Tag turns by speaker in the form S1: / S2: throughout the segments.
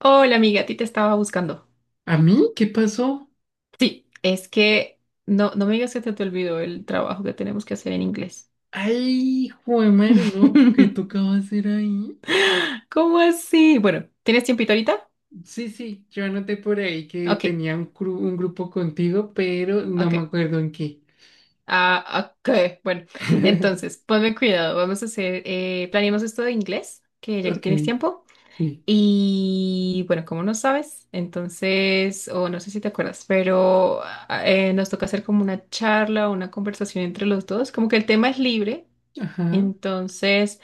S1: Hola amiga, a ti te estaba buscando.
S2: ¿A mí? ¿Qué pasó?
S1: Sí, es que no, no me digas que te olvidó el trabajo que tenemos que hacer en inglés.
S2: Ay, joder, madre, no, ¿qué tocaba hacer ahí?
S1: ¿Cómo así? Bueno, ¿tienes tiempito ahorita?
S2: Sí, sí, yo anoté por ahí que
S1: Ok,
S2: tenía un grupo contigo, pero no me
S1: ok.
S2: acuerdo en qué.
S1: Ah, ok. Bueno, entonces, ponme cuidado. Vamos a hacer, planeamos esto de inglés, que ya que
S2: Ok,
S1: tienes tiempo.
S2: sí,
S1: Y bueno, como no sabes, entonces, o no sé si te acuerdas, pero nos toca hacer como una charla, una conversación entre los dos. Como que el tema es libre.
S2: ajá.
S1: Entonces,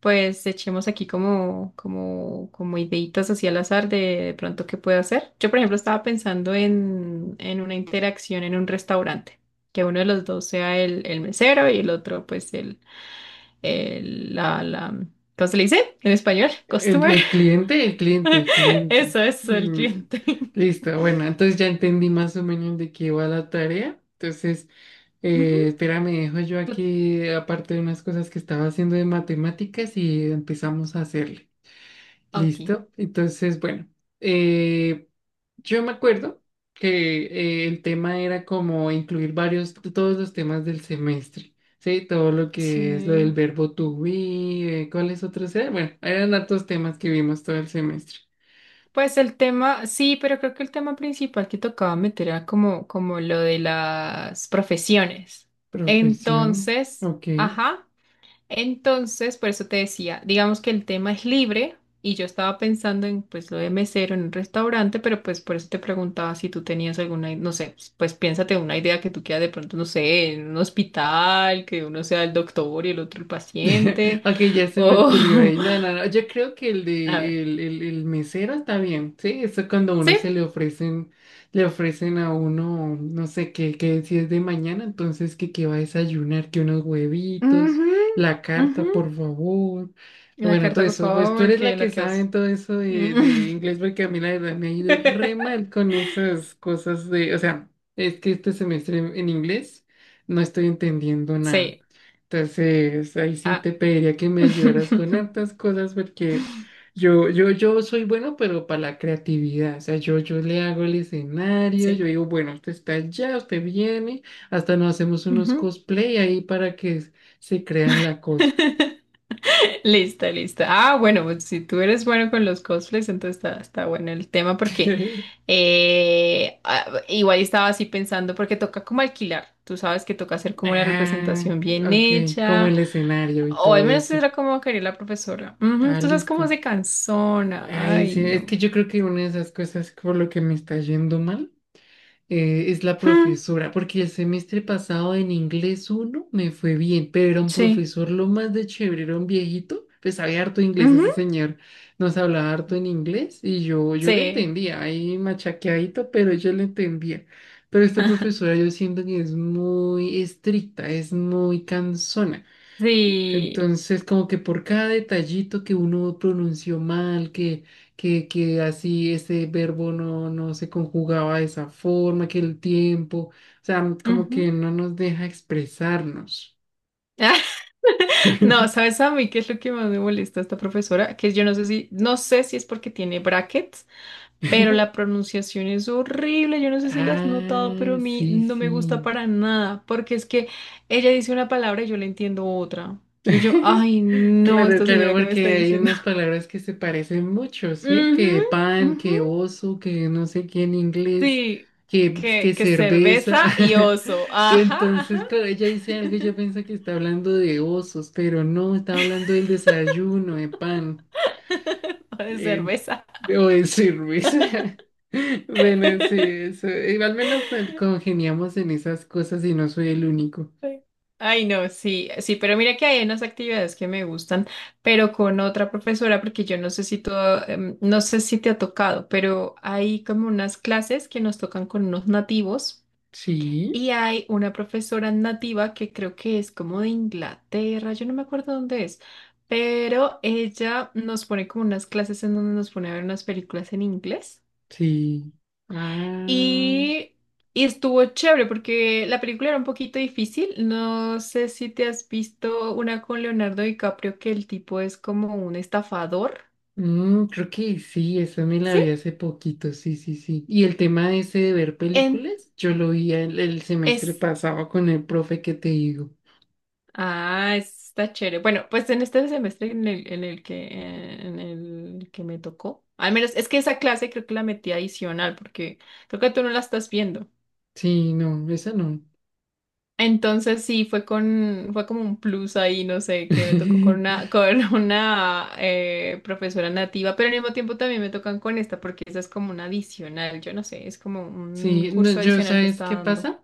S1: pues echemos aquí como ideitas así al azar de pronto qué puedo hacer. Yo, por ejemplo, estaba pensando en una interacción en un restaurante, que uno de los dos sea el mesero y el otro, pues, la ¿cómo se le dice? En español,
S2: El,
S1: customer.
S2: el cliente, el cliente, el cliente.
S1: Eso, el
S2: Mm,
S1: cliente.
S2: listo, bueno, entonces ya entendí más o menos de qué va la tarea. Entonces,
S1: Ujú.
S2: espera, me dejo yo
S1: Tú-
S2: aquí, aparte de unas cosas que estaba haciendo de matemáticas, y empezamos a hacerle.
S1: Ok.
S2: Listo. Entonces, bueno, eh, yo me acuerdo que el tema era como incluir varios, todos los temas del semestre, ¿sí? Todo lo que es lo del
S1: Sí.
S2: verbo to be. ¿Cuáles otros eran? Bueno, eran hartos temas que vimos todo el semestre.
S1: Pues el tema, sí, pero creo que el tema principal que tocaba meter era como lo de las profesiones.
S2: Profesiones,
S1: Entonces,
S2: ok.
S1: ajá, entonces, por eso te decía, digamos que el tema es libre y yo estaba pensando en pues lo de mesero en un restaurante, pero pues por eso te preguntaba si tú tenías alguna, no sé, pues piénsate una idea que tú quieras de pronto, no sé, en un hospital, que uno sea el doctor y el otro el paciente,
S2: Ok, ya se me
S1: o,
S2: ocurrió ahí. No, no, no. Yo creo que el
S1: a ver,
S2: de el mesero está bien, ¿sí? Eso es cuando a uno
S1: sí.
S2: se le ofrecen a uno, no sé qué, qué si es de mañana, entonces que va a desayunar, que unos huevitos,
S1: Ujú,
S2: la carta,
S1: ujú.
S2: por favor.
S1: La
S2: Bueno, todo
S1: carta, por
S2: eso, pues tú
S1: favor,
S2: eres la
S1: que
S2: que sabe en
S1: bloqueos.
S2: todo eso de
S1: Mm.
S2: inglés, porque a mí la verdad me ha ido re mal con esas cosas de, o sea, es que este semestre en inglés no estoy entendiendo nada.
S1: Sí.
S2: Entonces, ahí sí
S1: Ah.
S2: te pediría que me ayudaras con hartas cosas porque yo soy bueno, pero para la creatividad. O sea, yo le hago el escenario,
S1: Sí.
S2: yo digo, bueno, usted está allá, usted viene, hasta nos hacemos unos
S1: Ujú.
S2: cosplay ahí se crean la cosa.
S1: Lista, lista. Ah, bueno, pues si tú eres bueno con los cosplays, entonces está bueno el tema porque igual estaba así pensando porque toca como alquilar. Tú sabes que toca hacer como la
S2: Ah,
S1: representación bien
S2: ok, como
S1: hecha.
S2: el escenario y
S1: O al
S2: todo
S1: menos
S2: eso.
S1: era como quería la profesora. Ujú.
S2: Ah,
S1: Tú sabes cómo
S2: listo.
S1: se cansona.
S2: Ay,
S1: Ay,
S2: sí, es
S1: no.
S2: que yo creo que una de esas cosas por lo que me está yendo mal. Es la
S1: Mm,
S2: profesora, porque el semestre pasado en inglés uno me fue bien, pero era un
S1: sí.
S2: profesor lo más de chévere, era un viejito, pues sabía harto inglés ese
S1: Ujú,
S2: señor, nos hablaba harto en inglés y yo le
S1: sí.
S2: entendía, ahí machaqueadito, pero yo le entendía. Pero esta profesora yo siento que es muy estricta, es muy cansona.
S1: Sí.
S2: Entonces, como que por cada detallito que uno pronunció mal, que así ese verbo no, no se conjugaba de esa forma, que el tiempo, o sea, como que
S1: Ujú.
S2: no nos deja expresarnos.
S1: No, ¿sabes a mí qué es lo que más me molesta a esta profesora? Que yo no sé si es porque tiene brackets, pero la pronunciación es horrible. Yo no sé si la has notado, pero a
S2: Ah,
S1: mí
S2: sí,
S1: no me gusta
S2: sí.
S1: para nada, porque es que ella dice una palabra y yo le entiendo otra. Y yo, ay, no,
S2: Claro,
S1: esta
S2: claro,
S1: señora que me está
S2: porque hay
S1: diciendo.
S2: unas palabras que se parecen mucho, ¿sí?
S1: Ujú,
S2: Que pan,
S1: ujú.
S2: que oso, que no sé qué en inglés,
S1: Sí,
S2: que
S1: que
S2: cerveza.
S1: cerveza y oso. Ajá, ajá.
S2: Entonces, claro, ella dice algo y yo pienso que está hablando de osos, pero no, está hablando del desayuno, de pan,
S1: O de
S2: eh,
S1: cerveza.
S2: o de cerveza. Bueno, sí, eso. Al menos congeniamos en esas cosas y no soy el único.
S1: Ay, no, sí, sí, pero mira que hay unas actividades que me gustan, pero con otra profesora, porque yo no sé si tú, no sé si te ha tocado, pero hay como unas clases que nos tocan con unos nativos
S2: Sí,
S1: y hay una profesora nativa que creo que es como de Inglaterra, yo no me acuerdo dónde es, pero ella nos pone como unas clases en donde nos pone a ver unas películas en inglés.
S2: sí. Ah.
S1: Y, y estuvo chévere porque la película era un poquito difícil. No sé si te has visto una con Leonardo DiCaprio que el tipo es como un estafador.
S2: Mm, creo que sí, esa me la
S1: ¿Sí?
S2: vi hace poquito, sí, sí, sí. Y el tema ese de ver
S1: En
S2: películas, yo lo vi el semestre
S1: es.
S2: pasado con el profe que te digo.
S1: Ah, está chévere. Bueno, pues en este semestre en el que me tocó. Al menos es que esa clase creo que la metí adicional porque creo que tú no la estás viendo.
S2: Sí, no, esa no.
S1: Entonces sí, fue como un plus ahí, no sé, que me tocó con una profesora nativa, pero al mismo tiempo también me tocan con esta, porque esa es como una adicional, yo no sé, es como un
S2: Sí, no,
S1: curso
S2: yo,
S1: adicional que
S2: ¿sabes
S1: está
S2: qué
S1: dando.
S2: pasa?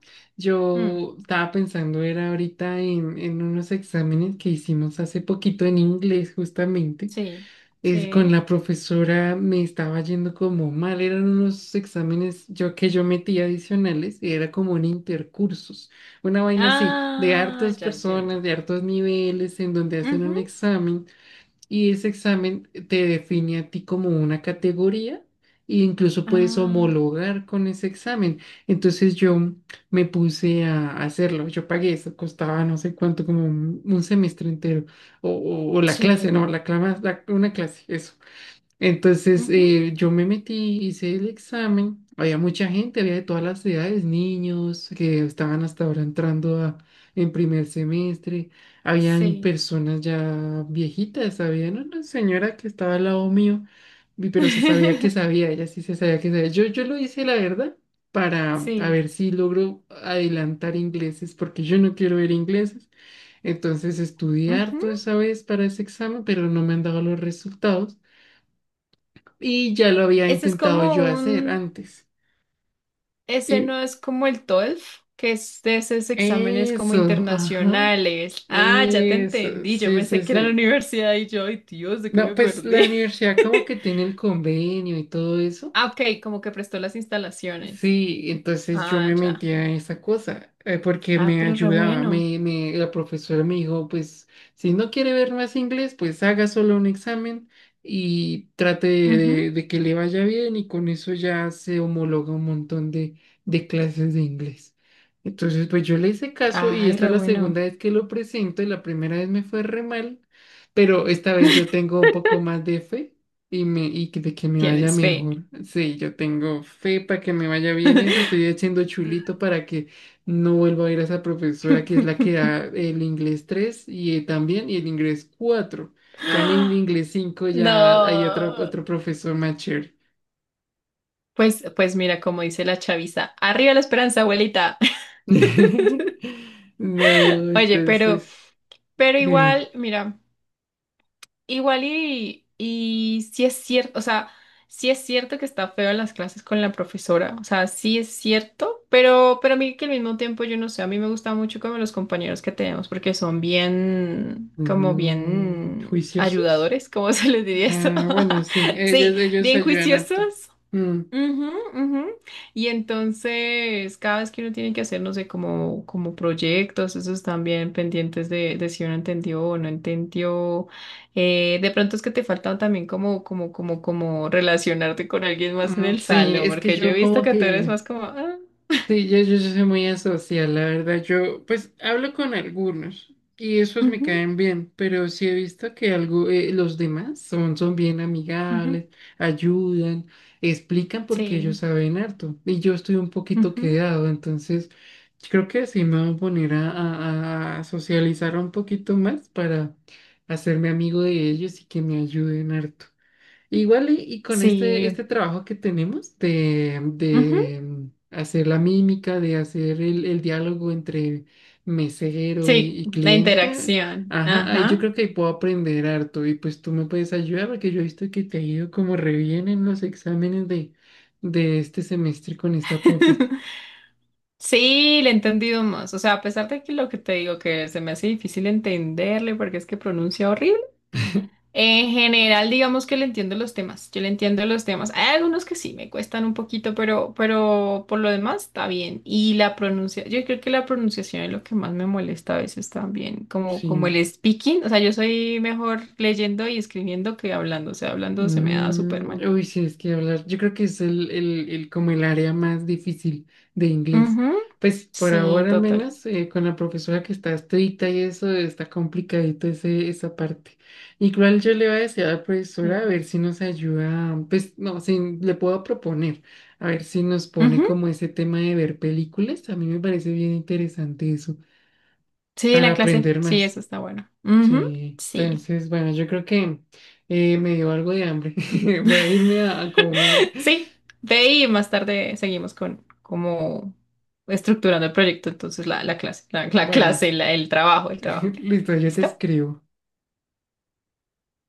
S1: Mm,
S2: Yo estaba pensando, era ahorita en unos exámenes que hicimos hace poquito en inglés, justamente.
S1: sí,
S2: Con
S1: sí.
S2: la profesora me estaba yendo como mal, eran unos exámenes yo metía adicionales y era como un intercursos, una vaina así, de
S1: Ah,
S2: hartas
S1: ya
S2: personas,
S1: entiendo.
S2: de hartos niveles, en donde hacen
S1: Ujú.
S2: un examen y ese examen te define a ti como una categoría e incluso puedes
S1: Ah,
S2: homologar con ese examen. Entonces yo me puse a hacerlo, yo pagué eso, costaba no sé cuánto, como un semestre entero, o la clase,
S1: sí.
S2: no, una clase, eso. Entonces
S1: Ujú,
S2: yo me metí, hice el examen, había mucha gente, había de todas las edades, niños que estaban hasta ahora entrando en primer semestre, habían
S1: sí.
S2: personas ya viejitas, había no, una señora que estaba al lado mío, pero se sabía que sabía, ella sí se sabía que sabía. Yo lo hice, la verdad, para a
S1: Sí.
S2: ver si logro adelantar ingleses, porque yo no quiero ver ingleses. Entonces estudié
S1: Ujú.
S2: harto esa vez para ese examen, pero no me han dado los resultados. Y ya lo había
S1: Ese es
S2: intentado
S1: como
S2: yo hacer
S1: un
S2: antes.
S1: Ese
S2: Y
S1: no es como el TOEFL, que es de esos exámenes como
S2: eso, ajá,
S1: internacionales. Ah, ya te
S2: eso,
S1: entendí. Yo
S2: sí, sí,
S1: pensé que era
S2: sí.
S1: la universidad y yo, ay, Dios, ¿de qué
S2: No,
S1: me
S2: pues la
S1: perdí?
S2: universidad como que tiene el convenio y todo eso.
S1: Ah, ok, como que prestó las instalaciones.
S2: Sí, entonces yo
S1: Ah,
S2: me
S1: ya.
S2: metía en esa cosa porque
S1: Ah,
S2: me
S1: pero re
S2: ayudaba.
S1: bueno.
S2: La profesora me dijo, pues si no quiere ver más inglés, pues haga solo un examen y trate
S1: Ujú.
S2: de que le vaya bien y con eso ya se homologa un montón de clases de inglés. Entonces, pues yo le hice caso y
S1: Ay,
S2: esta es
S1: re
S2: la segunda
S1: bueno.
S2: vez que lo presento y la primera vez me fue re mal, pero esta vez yo tengo un poco más de fe. De que me vaya
S1: Tienes fe.
S2: mejor. Sí, yo tengo fe para que me vaya bien eso. Estoy haciendo chulito para que no vuelva a ir a esa profesora que es la que da el inglés 3 y también y el inglés cuatro. Ya en el inglés cinco ya hay otro,
S1: No.
S2: otro profesor más chévere.
S1: Pues mira, como dice la chaviza, arriba la esperanza, abuelita.
S2: No,
S1: Oye, pero,
S2: entonces,
S1: pero
S2: dime.
S1: igual, mira. Igual y sí es cierto, o sea, sí es cierto que está feo en las clases con la profesora, o sea, sí es cierto, pero a mí que al mismo tiempo yo no sé, a mí me gusta mucho como los compañeros que tenemos porque son bien, como
S2: Mm,
S1: bien
S2: ¿juiciosos?
S1: ayudadores, ¿cómo se les diría eso?
S2: Ah, bueno, sí, ellos,
S1: Sí,
S2: ellos
S1: bien
S2: ayudan harto.
S1: juiciosos.
S2: Mm,
S1: Ujú, ujú. Y entonces, cada vez que uno tiene que hacer, no sé, como proyectos, esos también pendientes de si uno entendió o no entendió. De pronto es que te faltan también como relacionarte con alguien más en el
S2: sí,
S1: salón,
S2: es que
S1: porque yo he
S2: yo
S1: visto
S2: como
S1: que tú eres
S2: que...
S1: más como,
S2: Sí, yo soy muy asocial, la verdad. Yo, pues, hablo con algunos y esos me
S1: ujú,
S2: caen bien, pero sí he visto que algo, los demás son, son bien
S1: ujú,
S2: amigables, ayudan, explican porque ellos
S1: sí,
S2: saben harto y yo estoy un poquito
S1: ujú,
S2: quedado, entonces creo que sí me voy a poner a socializar un poquito más para hacerme amigo de ellos y que me ayuden harto. Igual y con este
S1: sí,
S2: trabajo que tenemos
S1: ujú,
S2: de, hacer la mímica, de hacer el diálogo entre mesero
S1: sí,
S2: y
S1: la
S2: cliente,
S1: interacción,
S2: ajá, ahí yo
S1: ajá.
S2: creo que ahí puedo aprender harto y pues tú me puedes ayudar porque yo he visto que te ha ido como re bien en los exámenes de este semestre con esta profe.
S1: Sí, le he entendido más. O sea, a pesar de que lo que te digo que se me hace difícil entenderle porque es que pronuncia horrible, en general digamos que le entiendo los temas. Yo le entiendo los temas. Hay algunos que sí me cuestan un poquito, pero por lo demás está bien. Y la pronuncia, yo creo que la pronunciación es lo que más me molesta a veces también, como
S2: Sí.
S1: el speaking. O sea, yo soy mejor leyendo y escribiendo que hablando. O sea, hablando se me da súper
S2: Mm,
S1: mal.
S2: uy, sí, es que hablar. Yo creo que es como el área más difícil de inglés.
S1: Ujú,
S2: Pues por
S1: sí,
S2: ahora al
S1: total.
S2: menos con la profesora que está estricta y eso está complicadito ese, esa parte. Igual yo le voy a decir a la profesora a
S1: Sí.
S2: ver si nos ayuda, pues no, si le puedo proponer, a ver si nos pone
S1: Ujú.
S2: como ese tema de ver películas. A mí me parece bien interesante eso,
S1: Sí,
S2: para
S1: la clase.
S2: aprender
S1: Sí,
S2: más.
S1: eso está bueno. Ujú,
S2: Sí,
S1: sí.
S2: entonces, bueno, yo creo que me dio algo de hambre. Voy a irme a comer.
S1: Sí. De ahí más tarde seguimos con como estructurando el proyecto. Entonces,
S2: Bueno,
S1: el trabajo, el trabajo.
S2: listo, yo te
S1: ¿Listo?
S2: escribo.